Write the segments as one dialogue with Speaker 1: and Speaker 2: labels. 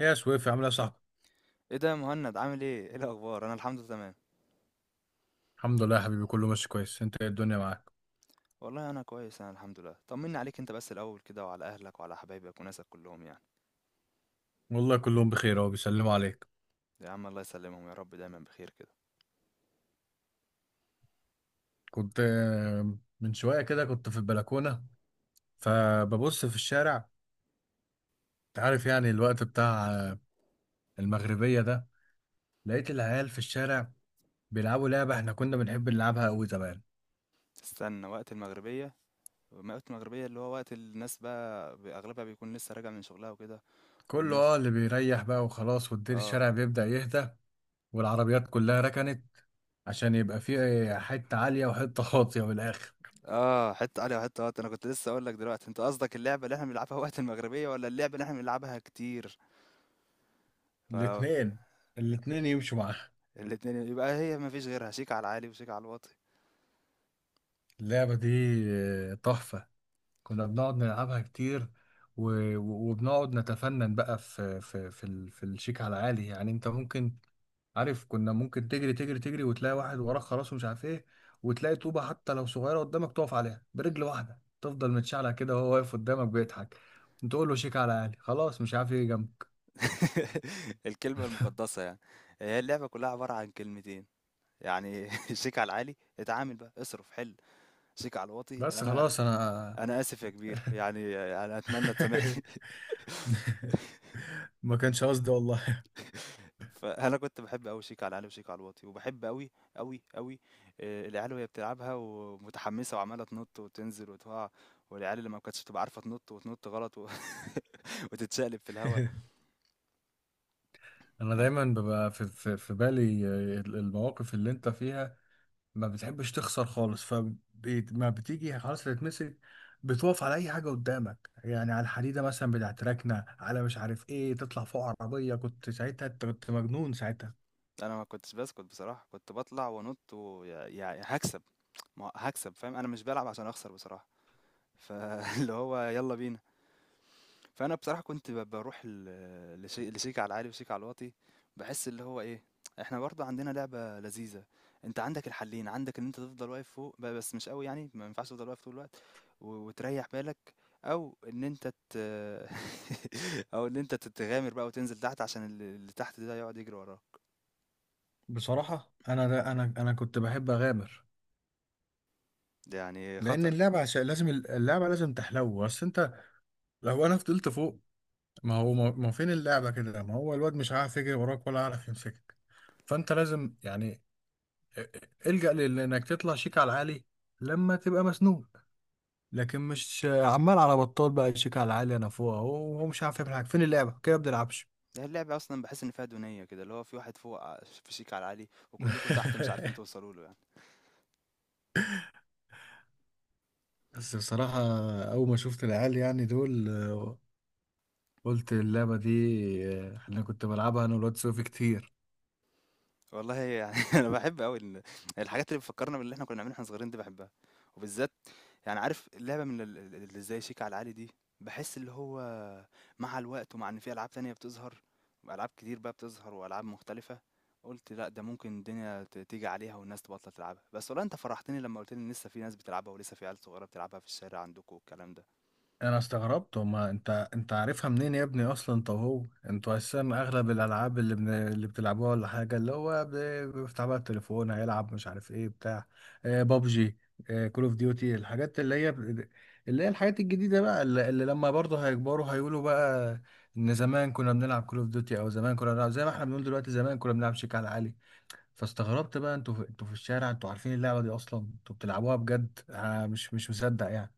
Speaker 1: يا سويف، عامل ايه يا صاحبي؟
Speaker 2: ايه ده يا مهند؟ عامل ايه؟ ايه الاخبار؟ انا الحمد لله تمام.
Speaker 1: الحمد لله يا حبيبي، كله ماشي كويس. انت ايه الدنيا معاك؟
Speaker 2: والله انا كويس، انا الحمد لله. طمني عليك انت بس الاول كده، وعلى اهلك وعلى حبايبك وناسك كلهم يعني.
Speaker 1: والله كلهم بخير، اهو بيسلموا عليك.
Speaker 2: يا عم الله يسلمهم يا رب، دايما بخير كده.
Speaker 1: كنت من شويه كده كنت في البلكونه، فببص في الشارع. انت عارف يعني الوقت بتاع المغربيه ده، لقيت العيال في الشارع بيلعبوا لعبه احنا كنا بنحب نلعبها قوي زمان.
Speaker 2: استنى، وقت المغربيه؟ وقت المغربيه اللي هو وقت الناس بقى اغلبها بيكون لسه راجع من شغلها وكده.
Speaker 1: كله
Speaker 2: والناس،
Speaker 1: اللي بيريح بقى وخلاص، والدير
Speaker 2: اه
Speaker 1: الشارع بيبدأ يهدى، والعربيات كلها ركنت، عشان يبقى فيه حته عاليه وحته واطيه من الاخر.
Speaker 2: اه حته علي وحته وقت. انا كنت لسه اقول لك دلوقتي، انت قصدك اللعبه اللي احنا بنلعبها وقت المغربيه ولا اللعبه اللي احنا بنلعبها كتير؟ اه،
Speaker 1: الاتنين، الاتنين يمشوا معاها.
Speaker 2: الاتنين يبقى، هي مفيش غيرها، شيك على العالي وشيك على الواطي.
Speaker 1: اللعبة دي تحفة، كنا بنقعد نلعبها كتير. و- و- وبنقعد نتفنن بقى في الشيك على عالي. يعني انت ممكن، عارف، كنا ممكن تجري تجري تجري وتلاقي واحد وراك خلاص ومش عارف ايه، وتلاقي طوبة حتى لو صغيرة قدامك تقف عليها برجل واحدة، تفضل متشعلع كده وهو واقف قدامك بيضحك، تقول له شيك على عالي خلاص، مش عارف ايه جنبه.
Speaker 2: الكلمة المقدسة يعني. هي اللعبة كلها عبارة عن كلمتين يعني. شيك على العالي، اتعامل بقى اصرف حل. شيك على الواطي
Speaker 1: بس
Speaker 2: انا.
Speaker 1: خلاص انا.
Speaker 2: انا اسف يا كبير يعني، انا اتمنى تسامحني.
Speaker 1: ما كانش قصدي والله.
Speaker 2: فانا كنت بحب قوي شيك على العالي وشيك على الواطي، وبحب قوي قوي قوي العيال وهي بتلعبها ومتحمسة وعمالة تنط وتنزل وتقع. والعيال اللي ما كانتش بتبقى عارفة تنط وتنط غلط، وتتشقلب في الهوا.
Speaker 1: انا
Speaker 2: انا
Speaker 1: دايما ببقى في بالي المواقف اللي انت فيها، ما بتحبش تخسر خالص، فما بتيجي خلاص تتمسك، بتوقف على اي حاجه قدامك، يعني على الحديده مثلا بتاعت ركنه، على مش عارف ايه، تطلع فوق عربيه. كنت ساعتها، أنت كنت مجنون ساعتها.
Speaker 2: انا ما كنتش بسكت بصراحة، كنت بطلع وانط ويعني هكسب. ما هو هاكسب فاهم، أنا مش بالعب عشان أخسر بصراحة، فاللي هو يالّا بينا. فأنا بصراحة كنت باروح ل لشي لشيك على العالي وشيك على الواطي، باحس اللي هو إيه، إحنا برضه عندنا لعبة لذيذة. أنت عندك الحلّين، عندك إن أنت تفضل واقف فوق بس مش أوي يعني، ما ينفعش تفضل واقف طول الوقت وتريّح بالك، أو إن أنت ت أو إن أنت تغامر بقى وتنزل تحت عشان اللي تحت ده يقعد يجري وراك،
Speaker 1: بصراحه انا ده انا كنت بحب اغامر،
Speaker 2: يعني
Speaker 1: لان
Speaker 2: خطر.
Speaker 1: اللعبه، عشان لازم اللعبه لازم تحلو. بس انت لو انا فضلت فوق، ما هو ما فين اللعبه كده؟ ما هو الواد مش عارف يجري وراك ولا عارف يمسكك، فانت لازم يعني الجأ لانك تطلع شيك على العالي لما تبقى مسنون. لكن مش عمال على بطال بقى، شيك على العالي انا فوق اهو وهو مش عارف يعمل حاجه، فين اللعبه كده؟ ما بنلعبش.
Speaker 2: ده اللعبة أصلًا باحس إن فيها دونية كده، اللي هو في واحد فوق ع فشيك على العالي وكلكم تحت مش عارفين توصلوا له يعني.
Speaker 1: بس بصراحه، اول ما شفت العيال يعني دول، قلت اللعبه دي، انا كنت بلعبها انا والواد سوفي كتير.
Speaker 2: والله يعني أنا باحب أوي الحاجات اللي بتفكّرنا باللي إحنا كنا بنعمله واحنا صغيرين دي، باحبها، وبالذات يعني عارف اللعبة من ال ال اللي زي شيك على العالي دي، باحس اللي هو مع الوقت، ومع إن في ألعاب تانية بتظهر، وألعاب كتير بقى بتظهر وألعاب مختلفة، قُلت لأ ده ممكن الدنيا تيجي عليها والناس تبطّل تلعبها، بس والله أنت فرحتني لمّا قُلت لي إن لسه في ناس بتلعبها، ولسه في عيال صغيرة بتلعبها في الشارع عندكم والكلام ده.
Speaker 1: انا استغربت، وما انت عارفها منين يا ابني اصلا؟ طب هو انتوا اساسا اغلب الالعاب اللي بتلعبوها ولا حاجه، اللي هو بيفتح بقى التليفون هيلعب مش عارف ايه بتاع، آه بابجي، آه كول اوف ديوتي، الحاجات اللي هي الحاجات الجديده بقى، اللي لما برضه هيكبروا هيقولوا بقى ان زمان كنا بنلعب كول اوف ديوتي، او زمان كنا بنلعب، زي ما احنا بنقول دلوقتي زمان كنا بنلعب شيك على عالي. فاستغربت بقى، انتوا في الشارع انتوا عارفين اللعبه دي اصلا؟ انتوا بتلعبوها بجد؟ انا مش مصدق يعني.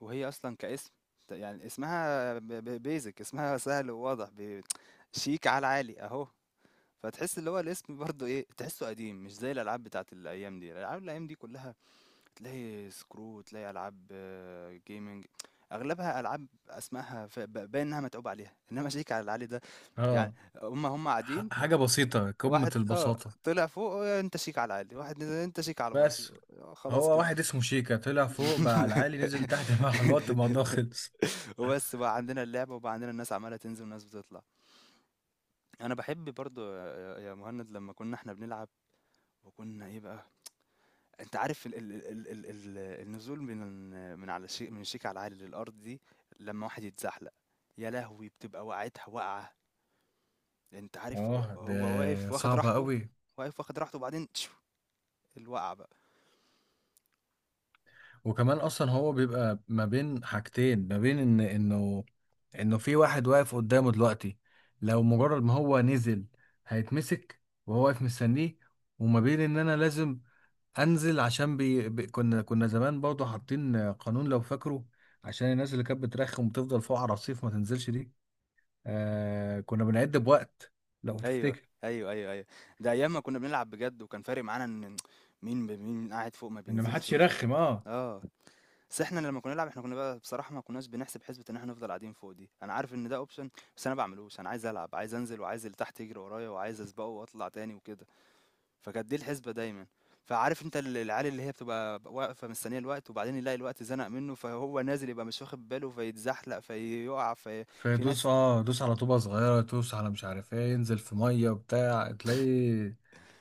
Speaker 2: وهي اصلا كاسم، يعني اسمها بيزك، اسمها سهل وواضح، شيك على العالي اهو. فتحس اللي هو الاسم برضه ايه، تحسه قديم، مش زي الالعاب بتاعت الايام دي. الالعاب الايام دي كلها تلاقي سكرو، تلاقي العاب جيمنج، اغلبها العاب اسمائها باين انها متعوب عليها، انما شيك على العالي ده يعني.
Speaker 1: اه،
Speaker 2: هم قاعدين،
Speaker 1: حاجة بسيطة، قمة
Speaker 2: واحد
Speaker 1: البساطة.
Speaker 2: طلع فوق، انت شيك على العالي، واحد نزل انت شيك على الواطي.
Speaker 1: بس
Speaker 2: خلاص
Speaker 1: هو
Speaker 2: كده.
Speaker 1: واحد اسمه شيكا طلع فوق بقى على العالي، نزل تحت، مع الوقت الموضوع خلص.
Speaker 2: وبس بقى عندنا اللعبة، وبقى عندنا الناس عمالة تنزل وناس بتطلع. انا بحب برضو يا مهند، لما كنا احنا بنلعب وكنا ايه بقى، انت عارف ال ال ال ال ال النزول من على شيء، من شيك على العالي للارض دي، لما واحد يتزحلق، يا لهوي بتبقى وقعتها وقعة. انت عارف هو
Speaker 1: اه، ده
Speaker 2: هو واقف واخد
Speaker 1: صعبة
Speaker 2: راحته،
Speaker 1: قوي.
Speaker 2: واقف واخد راحته وبعدين تشو، الوقعة بقى.
Speaker 1: وكمان اصلا هو بيبقى ما بين حاجتين، ما بين انه انه في واحد واقف قدامه دلوقتي، لو مجرد ما هو نزل هيتمسك وهو واقف مستنيه، وما بين ان انا لازم انزل، عشان كنا زمان برضه حاطين قانون لو فاكره، عشان الناس اللي كانت بترخم وتفضل فوق على الرصيف ما تنزلش دي. آه كنا بنعد بوقت لو
Speaker 2: ايوه،
Speaker 1: تفتكر،
Speaker 2: ايوه، ايوه، ايوه، ده ايام ما كنا بنلعب بجد، وكان فارق معانا ان مين قاعد فوق ما
Speaker 1: ان ما
Speaker 2: بينزلش
Speaker 1: حدش
Speaker 2: ومين.
Speaker 1: يرخم اه.
Speaker 2: اه بس احنا لما كنا نلعب، احنا كنا بقى بصراحة ما كناش بنحسب حسبة ان احنا نفضل قاعدين فوق دي. انا عارف ان ده اوبشن، بس انا بعملوش. انا عايز العب، عايز انزل، وعايز اللي تحت يجري ورايا، وعايز اسبقه واطلع تاني وكده. فكانت دي الحسبة دايما. فعارف انت العيال اللي هي بتبقى واقفة مستنية الوقت، وبعدين يلاقي الوقت زنق منه فهو نازل، يبقى مش واخد باله فيتزحلق فيقع. في في
Speaker 1: فدوس،
Speaker 2: ناس،
Speaker 1: دوس على طوبه صغيره، دوس على مش عارف ايه، ينزل في ميه وبتاع، تلاقيه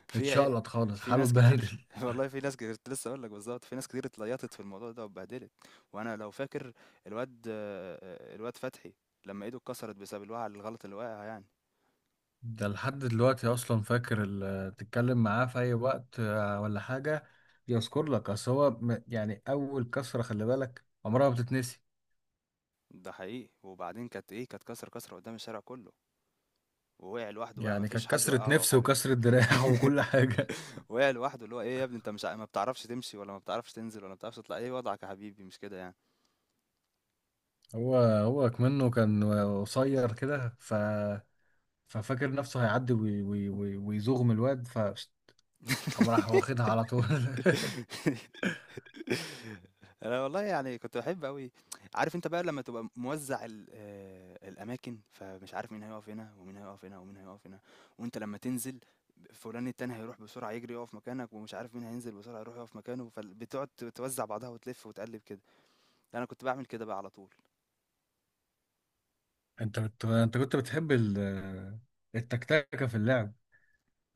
Speaker 2: في عي-
Speaker 1: اتشقلط خالص،
Speaker 2: في
Speaker 1: حاله
Speaker 2: ناس كتير،
Speaker 1: اتبهدل.
Speaker 2: والله في ناس كتير كنت لسه اقول لك بالظبط، في ناس كتير اتليطت في الموضوع ده واتبهدلت. وانا لو فاكر الواد، الواد فتحي، لما ايده اتكسرت بسبب الوقعه الغلط اللي وقعها يعني.
Speaker 1: ده لحد دلوقتي اصلا فاكر، تتكلم معاه في اي وقت ولا حاجه يذكر لك، اصل هو يعني اول كسره خلي بالك عمرها ما بتتنسي.
Speaker 2: ده حقيقي، وبعدين كانت ايه، كانت كسر، كسر قدام الشارع كله، ووقع لوحده بقى،
Speaker 1: يعني
Speaker 2: مفيش
Speaker 1: كانت
Speaker 2: حد
Speaker 1: كسره
Speaker 2: وقعه او
Speaker 1: نفس
Speaker 2: حاجه.
Speaker 1: وكسره دراع وكل حاجه.
Speaker 2: وقع لوحده، اللي هو ايه يا ابني، انت مش ع- ما بتعرفش تمشي، ولا ما بتعرفش تنزل، ولا ما بتعرفش تطلع، ايه وضعك يا حبيبي، مش كده يعني.
Speaker 1: هو كمنه كان قصير كده، ففاكر نفسه هيعدي ويزوغم الواد، قام راح واخدها على طول.
Speaker 2: أنا والله يعني كنت باحب أوي. عارف أنت بقى لمّا تبقى موزّع ال الأماكن، فمش عارف مين هيقف هنا، ومين هيقف هنا، ومين هيقف هنا، وأنت لمّا تنزل فلان التاني هيروح بسرعة يجري يقف مكانك، ومش عارف مين هينزل بسرعة يروح يقف مكانه، فال بتقعد توزّع بعضها وتلِف وتقلِّب كده، أنا كنت باعمل كده بقى على طول.
Speaker 1: انت كنت بتحب التكتكه في اللعب.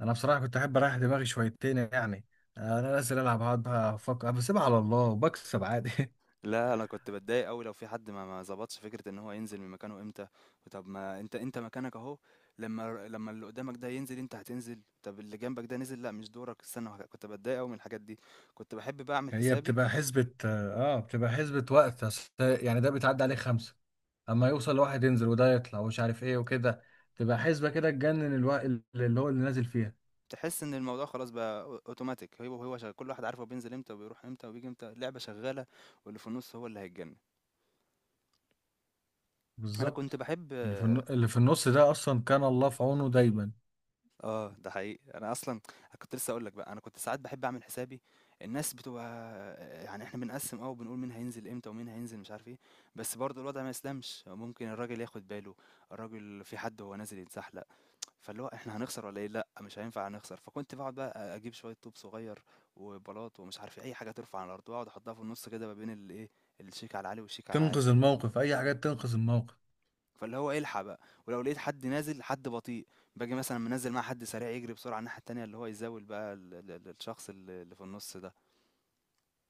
Speaker 1: انا بصراحه كنت احب اريح دماغي شويتين يعني، انا نازل العب هقعد بقى افكر؟ بسيبها على الله وبكسب عادي.
Speaker 2: لا انا كنت بتضايق قوي لو في حد ما ظبطش فكره ان هو ينزل من مكانه امتى. طب ما انت مكانك اهو، لما اللي قدامك ده ينزل انت هتنزل، طب اللي جنبك ده نزل، لا مش دورك استنى، كنت بتضايق قوي من الحاجات دي. كنت بحب بقى اعمل
Speaker 1: هي
Speaker 2: حسابي.
Speaker 1: بتبقى حسبة، بتبقى حسبة وقت، أصل يعني ده بيتعدى عليه خمسة اما يوصل، واحد ينزل وده يطلع ومش عارف ايه وكده، تبقى حسبة كده تجنن، الوقت اللي هو اللي نازل فيها.
Speaker 2: تحس ان الموضوع خلاص بقى اوتوماتيك، هو شغال، كل واحد عارف هو بينزل امتى وبيروح امتى وبيجي امتى، اللعبه شغاله، واللي في النص هو اللي هيتجنن. انا كنت
Speaker 1: بالظبط.
Speaker 2: بحب.
Speaker 1: اللي في اللي في النص ده اصلا كان الله في عونه دايما،
Speaker 2: ده حقيقي. أنا أصلًا كنت لسه هاقول لك بقى، أنا كنت ساعات باحب أعمل حسابي. الناس بتبقى، يعني إحنا بنقسّم، وبنقول مين هينزل إمتى ومين هينزل مش عارف إيه، بس برضه الوضع ما يسلمش، ممكن الراجل ياخد باله، الراجل في حد وهو نازل يتزحلق، فاللي هو إحنا هنخسر والّا إيه؟ لأ، مش هينفع هنخسر، فكنت باقعد بقى أجيب شوية طوب صغير وبلاط ومش عارف إيه، أي حاجة ترفع على الأرض، وأقعد أحطها في النُص كده ما بين الإيه، الشيك على العالي والشيك على العالي.
Speaker 1: تنقذ الموقف، اي حاجه تنقذ الموقف.
Speaker 2: فاللي هو الحق بقى، ولو لقيت حد نازل، حد بطيء، باجي مثلا منزل مع حد سريع يجري بسرعه الناحيه التانيه، اللي هو يزاول بقى الشخص اللي في النص ده.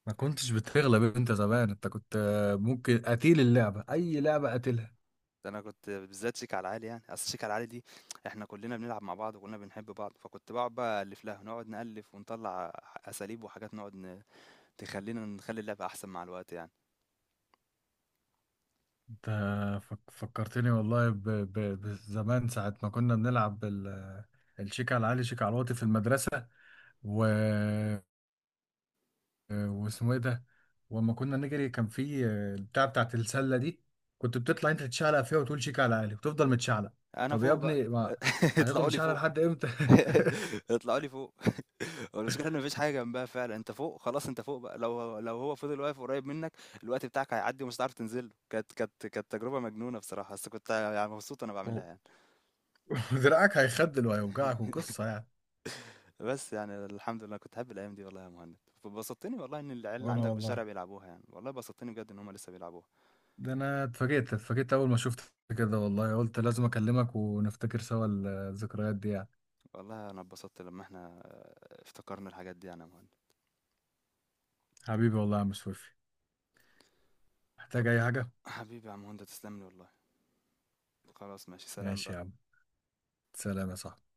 Speaker 1: ما كنتش بتغلب انت زمان، انت كنت ممكن قتيل اللعبه، اي لعبه قتلها
Speaker 2: ده انا كنت بالذات شيك على العالي يعني، اصل شيك على العالي دي احنا كلنا بنلعب مع بعض وكلنا بنحب بعض، فكنت بقعد بقى الف لها، نقعد نالف ونطلع اساليب وحاجات، تخلينا نخلي اللعبه احسن مع الوقت يعني.
Speaker 1: انت. فكرتني والله ب- ب- بزمان ساعه ما كنا بنلعب الشيك على العالي شيك على الواطي في المدرسه. واسمه ايه ده؟ واما كنا نجري كان في البتاع بتاعت السله دي، كنت بتطلع انت تتشعلق فيها وتقول شيك على عالي وتفضل متشعلق.
Speaker 2: انا
Speaker 1: طب يا
Speaker 2: فوق بقى،
Speaker 1: ابني ما هتفضل
Speaker 2: اطلعوا لي
Speaker 1: متشعلق
Speaker 2: فوق.
Speaker 1: لحد امتى؟
Speaker 2: اطلعوا لي فوق. هو المشكلة إن ما فيش حاجة جنبها فعلًا، أنت فوق خلاص، أنت فوق بقى، لو هو فضل واقف قريب منك، الوقت بتاعك هيعدّي ومش هتعرف تنزل له. كانت تجربة مجنونة بصراحة، بس كنت يعني مبسوط وأنا باعملها
Speaker 1: و-
Speaker 2: يعني.
Speaker 1: ودراعك هيخدل وهيوجعك وقصه يعني.
Speaker 2: بس يعني الحمد لله كنت باحب الأيام دي والله يا مهند. فبسطتني والله إن العيال اللي
Speaker 1: وانا
Speaker 2: عندك في الشارع
Speaker 1: والله،
Speaker 2: بيلعبوها يعني، والله بسطتني بجد إن هم لسه بيلعبوها.
Speaker 1: ده انا اتفاجئت اتفاجئت اول ما شفت كده والله، قلت لازم اكلمك ونفتكر سوا الذكريات دي يعني.
Speaker 2: والله أنا اتبسطت لمّا إحنا افتكرنا الحاجات دي يعني يا مهند.
Speaker 1: حبيبي والله يا عم سويفي، محتاج اي حاجه.
Speaker 2: حبيبي يا عم هند، تسلم لي والله. خلاص ماشي، سلام
Speaker 1: ماشي يا عم،
Speaker 2: بقى.
Speaker 1: سلام يا صاحبي.